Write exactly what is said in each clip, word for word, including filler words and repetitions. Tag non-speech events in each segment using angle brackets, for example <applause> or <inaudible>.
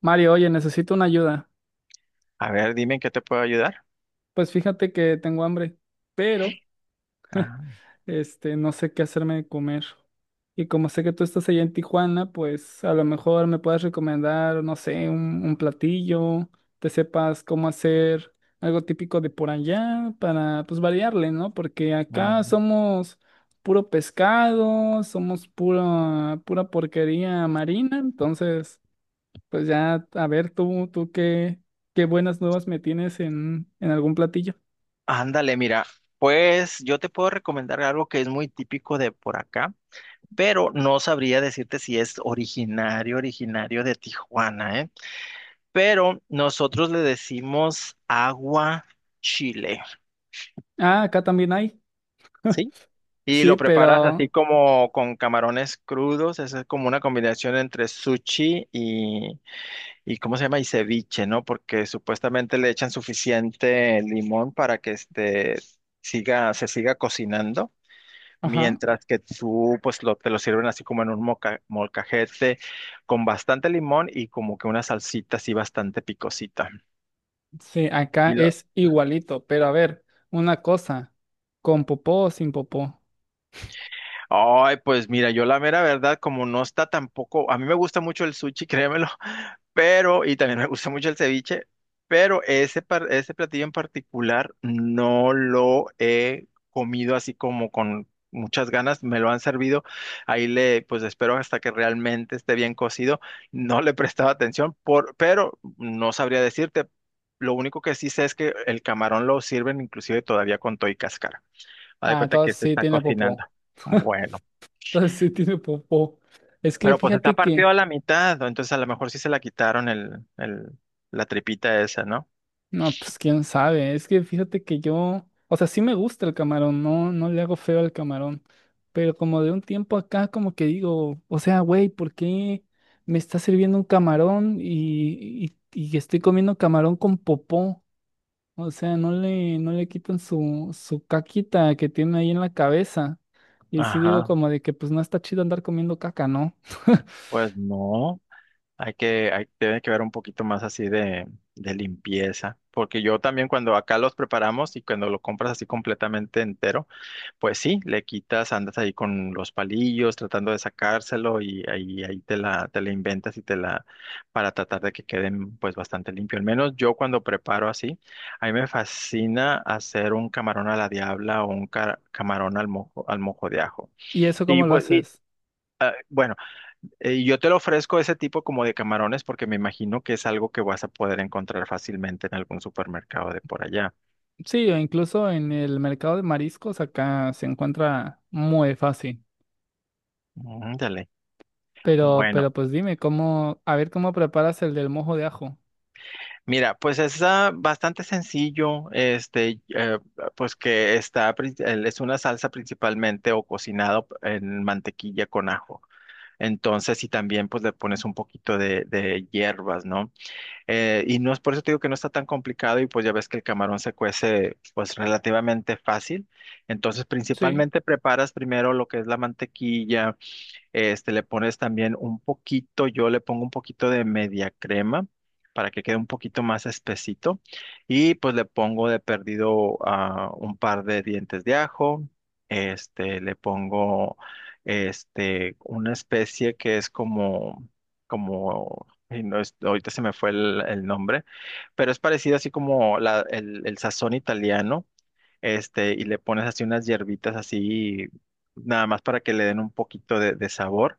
Mario, oye, necesito una ayuda. A ver, dime en qué te puedo ayudar. Pues fíjate que tengo hambre, pero Ah, este no sé qué hacerme de comer. Y como sé que tú estás allá en Tijuana, pues a lo mejor me puedes recomendar, no sé, un, un platillo, te sepas cómo hacer algo típico de por allá para pues variarle, ¿no? Porque acá anda. somos puro pescado, somos pura pura porquería marina, entonces pues ya, a ver, tú, tú qué, qué buenas nuevas me tienes en, en algún platillo. Ándale, mira, pues yo te puedo recomendar algo que es muy típico de por acá, pero no sabría decirte si es originario, originario de Tijuana, ¿eh? Pero nosotros le decimos agua chile. Ah, acá también hay. ¿Sí? Y Sí, lo preparas así pero, como con camarones crudos, esa es como una combinación entre sushi y... ¿Y cómo se llama? Y ceviche, ¿no? Porque supuestamente le echan suficiente limón para que este siga, se siga cocinando, ajá, mientras que tú pues lo, te lo sirven así como en un moca- molcajete con bastante limón y como que una salsita así bastante picosita. sí, acá es igualito. Pero a ver, una cosa, ¿con popó o sin popó? Ay, pues mira, yo la mera verdad, como no está tampoco, a mí me gusta mucho el sushi, créemelo, <laughs> pero, y también me gusta mucho el ceviche, pero ese, par- ese platillo en particular no lo he comido así como con muchas ganas, me lo han servido, ahí le, pues espero hasta que realmente esté bien cocido, no le he prestado atención, por, pero no sabría decirte, lo único que sí sé es que el camarón lo sirven inclusive todavía con toy y cáscara, haz de Ah, cuenta que entonces se sí está tiene cocinando. popó. <laughs> Bueno. Entonces sí tiene popó. Es que Pero pues está fíjate partido que a la mitad, ¿no? Entonces a lo mejor sí se la quitaron el, el, la tripita esa, ¿no? no, pues quién sabe. Es que fíjate que yo, o sea, sí me gusta el camarón, no, no le hago feo al camarón. Pero como de un tiempo acá, como que digo, o sea, güey, ¿por qué me está sirviendo un camarón y, y, y estoy comiendo camarón con popó? O sea, no le, no le quitan su, su caquita que tiene ahí en la cabeza. Y sí digo Ajá, como de que pues no está chido andar comiendo caca, ¿no? <laughs> pues no, hay que, hay, tiene que ver un poquito más así de, de limpieza, porque yo también cuando acá los preparamos y cuando lo compras así completamente entero, pues sí, le quitas, andas ahí con los palillos tratando de sacárselo y ahí, ahí te la, te la inventas y te la, para tratar de que queden pues bastante limpio. Al menos yo cuando preparo así, a mí me fascina hacer un camarón a la diabla o un ca- camarón al mojo, al mojo de ajo. ¿Y eso Y cómo lo pues, y, haces? bueno, eh, yo te lo ofrezco ese tipo como de camarones porque me imagino que es algo que vas a poder encontrar fácilmente en algún supermercado de por allá. Sí, o incluso en el mercado de mariscos acá se encuentra muy fácil. Ándale. Pero, Bueno. pero pues dime, ¿cómo, a ver cómo preparas el del mojo de ajo? Mira, pues es ah, bastante sencillo. Este, eh, pues que está, pri- el- es una salsa principalmente o cocinado en mantequilla con ajo. Entonces, y también pues le pones un poquito de, de hierbas, ¿no? Eh, y no es, por eso te digo que no está tan complicado y pues ya ves que el camarón se cuece pues relativamente fácil. Entonces, Sí, principalmente preparas primero lo que es la mantequilla, este, le pones también un poquito, yo le pongo un poquito de media crema para que quede un poquito más espesito. Y pues le pongo de perdido ah, un par de dientes de ajo. Este, le pongo este, una especie que es como, como, y no es, ahorita se me fue el, el nombre, pero es parecido así como la- el, el sazón italiano. Este, y le pones así unas hierbitas así, nada más para que le den un poquito de de sabor.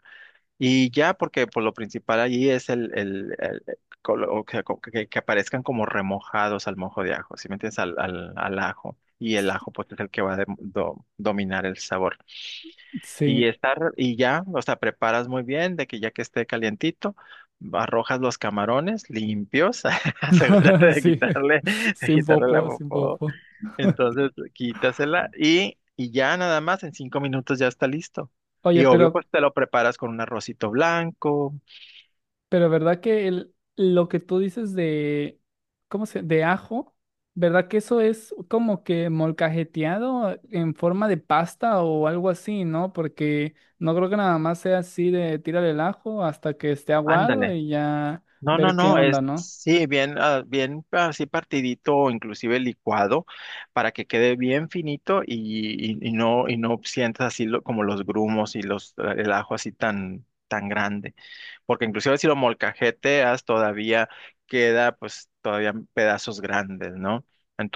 Y ya, porque por lo principal allí es el, el, el- colo- o que, que- que aparezcan como remojados al mojo de ajo, ¿sí me entiendes? Al, al, al ajo. Y el s- ajo, pues, es el que va a dem- do- dominar el sabor. sí, Y estar, y ya, o sea, preparas muy bien de que ya que esté calientito, arrojas los camarones limpios, <laughs> asegúrate <laughs> de sí, quitarle, <laughs> de sin quitarle la popo, sin popó, popo. entonces, quítasela y, y ya nada más, en cinco minutos ya está listo. Oye, Y obvio, pero pues te lo preparas con un arrocito blanco. Pero verdad que el, lo que tú dices de, ¿cómo se? De ajo, ¿verdad que eso es como que molcajeteado en forma de pasta o algo así, ¿no? Porque no creo que nada más sea así de tirar el ajo hasta que esté aguado Ándale. y ya No, no, ver qué no, onda, es ¿no? sí, bien, ah, bien así partidito o inclusive licuado para que quede bien finito y, y- y no, y no sientas así lo- como los grumos y los, el ajo así tan, tan grande, porque inclusive si lo molcajeteas todavía queda pues todavía pedazos grandes, ¿no?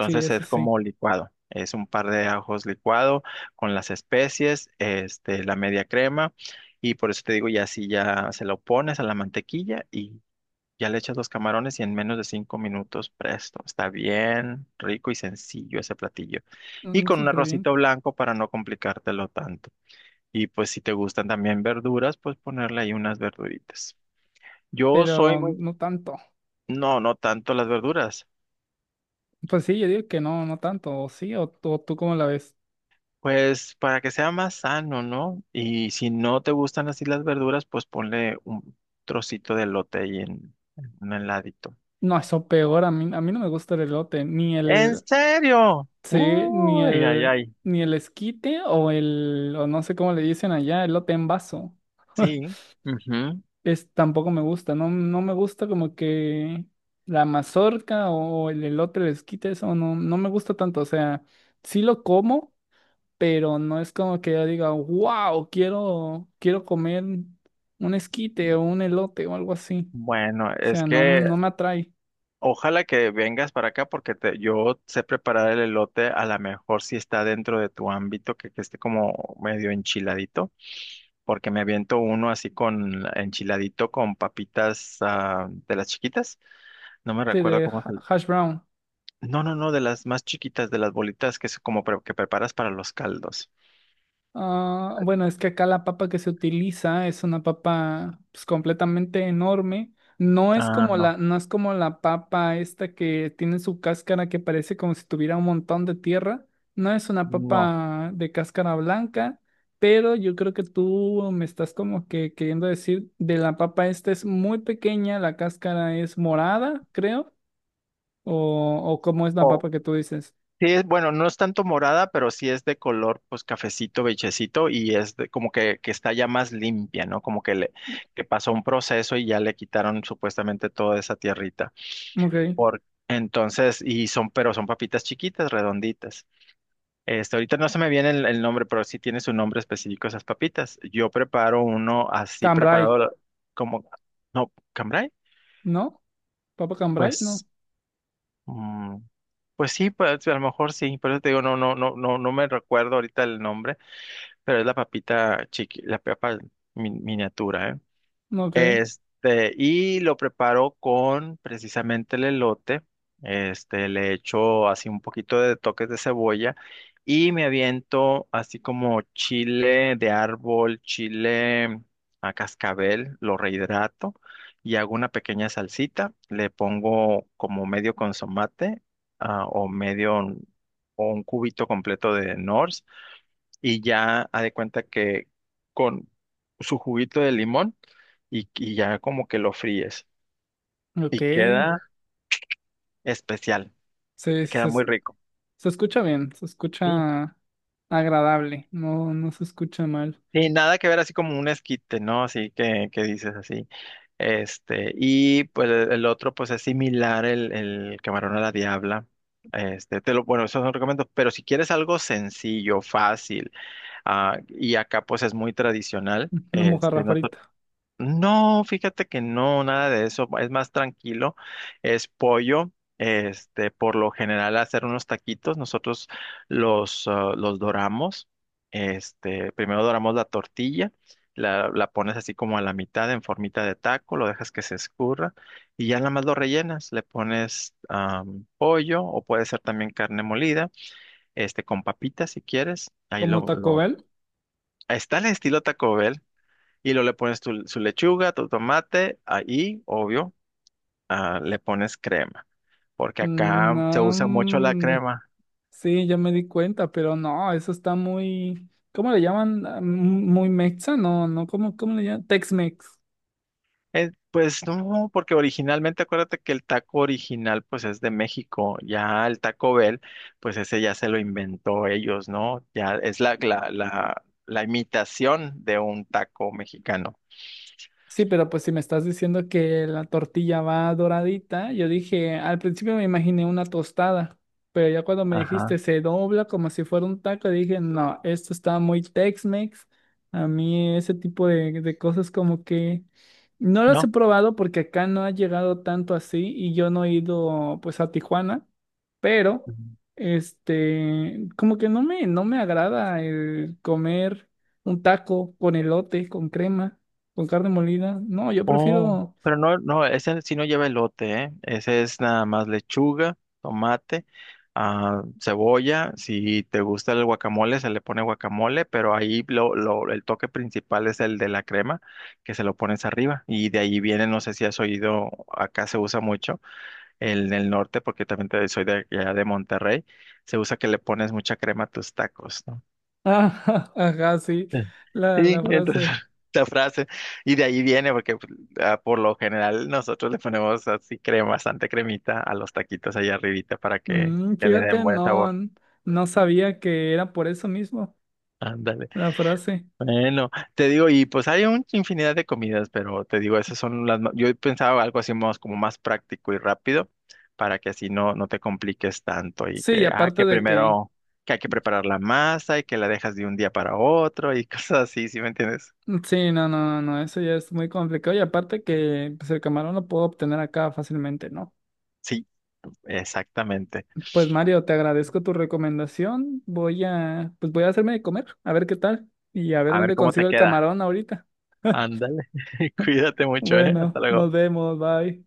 Sí, eso es sí. como licuado, es un par de ajos licuado con las especies, este, la media crema, y por eso te digo, ya si ya se lo pones a la mantequilla y ya le echas los camarones, y en menos de cinco minutos presto, está bien rico y sencillo ese platillo, y Mm, con un súper bien, arrocito blanco para no complicártelo tanto. Y pues si te gustan también verduras, pues ponerle ahí unas verduritas. Yo soy pero muy... no tanto. No, no tanto las verduras. Pues sí, yo digo que no, no tanto, o sí, o, tú- o tú cómo la ves. Pues para que sea más sano, ¿no? Y si no te gustan así las verduras, pues ponle un trocito de elote ahí en, en un heladito. No, eso peor, a mí, a mí no me gusta el elote, ni ¿En el, serio? sí, ni Uy, ay, el, ay. ni el esquite o el, o no sé cómo le dicen allá, elote en vaso. Sí. <laughs> Ujú. Es, tampoco me gusta, no, no me gusta como que la mazorca o el elote, el esquite, eso no, no me gusta tanto. O sea, sí lo como, pero no es como que yo diga, wow, quiero, quiero comer un esquite o un elote o algo así. Bueno, O es sea, no, que no me atrae. ojalá que vengas para acá porque te, yo sé preparar el elote, a lo mejor si está dentro de tu ámbito, que, que esté como medio enchiladito, porque me aviento uno así con enchiladito con papitas ah, de las chiquitas. No me Sí, recuerdo de cómo es ha- el... hash brown. No, no, no, de las más chiquitas, de las bolitas que es como pre- que preparas para los caldos. Ah, bueno, es que acá la papa que se utiliza es una papa pues, completamente enorme. No es Ah, como no, la, no es como la papa esta que tiene su cáscara que parece como si tuviera un montón de tierra. No es una no. papa de cáscara blanca, pero yo creo que tú me estás como que queriendo decir de la papa esta es muy pequeña, la cáscara es morada, creo, o, o cómo es la O papa que tú dices. sí es, bueno, no es tanto morada, pero sí es de color, pues cafecito, beigecito, y es de, como que, que está ya más limpia, ¿no? Como que le, que pasó un proceso y ya le quitaron supuestamente toda esa tierrita. Ok, Por, entonces, y son, pero son papitas chiquitas, redonditas. Este, ahorita no se me viene el, el nombre, pero sí tiene su nombre específico esas papitas. Yo preparo uno así cambray, preparado la- como, no, cambray, ¿no? ¿Papa cambray? pues, No, mm, pues sí, pues a lo mejor sí, por eso te digo, no, no, no, no, no me recuerdo ahorita el nombre, pero es la papita chiqui, la papa min- miniatura, ¿eh? no, ok. Este, y lo preparo con precisamente el elote. Este, le echo así un poquito de toques de cebolla y me aviento así como chile de árbol, chile a cascabel, lo rehidrato y hago una pequeña salsita. Le pongo como medio consomate, ah, o medio o un cubito completo de Norse, y ya ha de cuenta que con su juguito de limón, y, y ya como que lo fríes Ok, y sí, queda especial, sí, queda se, muy es- rico. se escucha bien, se Sí, escucha agradable, no, no se escucha mal. sí, nada que ver así como un esquite, ¿no? Así que, que dices así. Este, y pues el el otro pues es similar el, el camarón a la diabla. Este, te lo, bueno, esos son recomiendo, pero si quieres algo sencillo, fácil, ah, y acá pues es muy tradicional, <laughs> Una este, mojarra no... frita. No, fíjate que no, nada de eso, es más tranquilo, es pollo. Este, por lo general hacer unos taquitos, nosotros los, ah, los doramos, este, primero doramos la tortilla, la, la pones así como a la mitad en formita de taco, lo dejas que se escurra y ya nada más lo rellenas, le pones am, pollo o puede ser también carne molida, este, con papitas si quieres, ahí ¿Como lo, Taco lo, Bell? está el estilo Taco Bell, y luego le pones tu, su lechuga, tu tomate, ahí, obvio, ah, le pones crema, porque Mm, acá se no, usa mucho la mm, crema. sí, ya me di cuenta, pero no, eso está muy, ¿cómo le llaman? Ah, m- muy mexa, no, no, ¿cómo, cómo le llaman? Tex-Mex. Eh, pues no, porque originalmente acuérdate que el taco original pues es de México, ya el Taco Bell, pues ese ya se lo inventó ellos, ¿no? Ya es la, la, la, la imitación de un taco mexicano. Sí, pero pues si me estás diciendo que la tortilla va doradita, yo dije, al principio me imaginé una tostada, pero ya cuando me Ajá, dijiste se dobla como si fuera un taco, dije, no, esto está muy Tex-Mex. A mí ese tipo de, de cosas como que no las he ¿no? probado porque acá no ha llegado tanto así y yo no he ido pues a Tijuana, pero este, como que no me, no me agrada el comer un taco con elote, con crema. Con carne molida. No, yo Oh, prefiero. pero no, no, ese sí no lleva elote, ¿eh? Ese es nada más lechuga, tomate, ah, cebolla. Si te gusta el guacamole, se le pone guacamole, pero ahí lo, lo- el toque principal es el de la crema, que se lo pones arriba. Y de ahí viene, no sé si has oído, acá se usa mucho, el del norte, porque también te- soy de allá de Monterrey, se usa que le pones mucha crema a tus tacos, ¿no? Ah, <laughs> ajá, sí. La, Sí, la entonces frase. <laughs> esta frase, y de ahí viene, porque pues, ah, por lo general nosotros le ponemos así crema, bastante cremita a los taquitos allá arribita para que, Mm, que le den fíjate, buen no, sabor. n- no sabía que era por eso mismo Ándale. la frase. Bueno, te digo, y pues hay un infinidad de comidas, pero te digo, esas son las ma- yo pensaba algo así más como más práctico y rápido, para que así no, no te compliques tanto y Sí, y que, ah, aparte que de que. primero que hay que preparar la masa y que la dejas de un día para otro y <laughs> cosas así, ¿sí me entiendes? Sí, no, no, no, eso ya es muy complicado. Y aparte que pues, el camarón lo puedo obtener acá fácilmente, ¿no? Sí, exactamente. Pues Mario, te agradezco tu recomendación. Voy a, pues voy a hacerme de comer, a ver qué tal. Y a ver A ver dónde cómo consigo te el queda. camarón ahorita. <laughs> Ándale, <laughs> cuídate mucho, ¿eh? Hasta Bueno, nos luego. vemos, bye.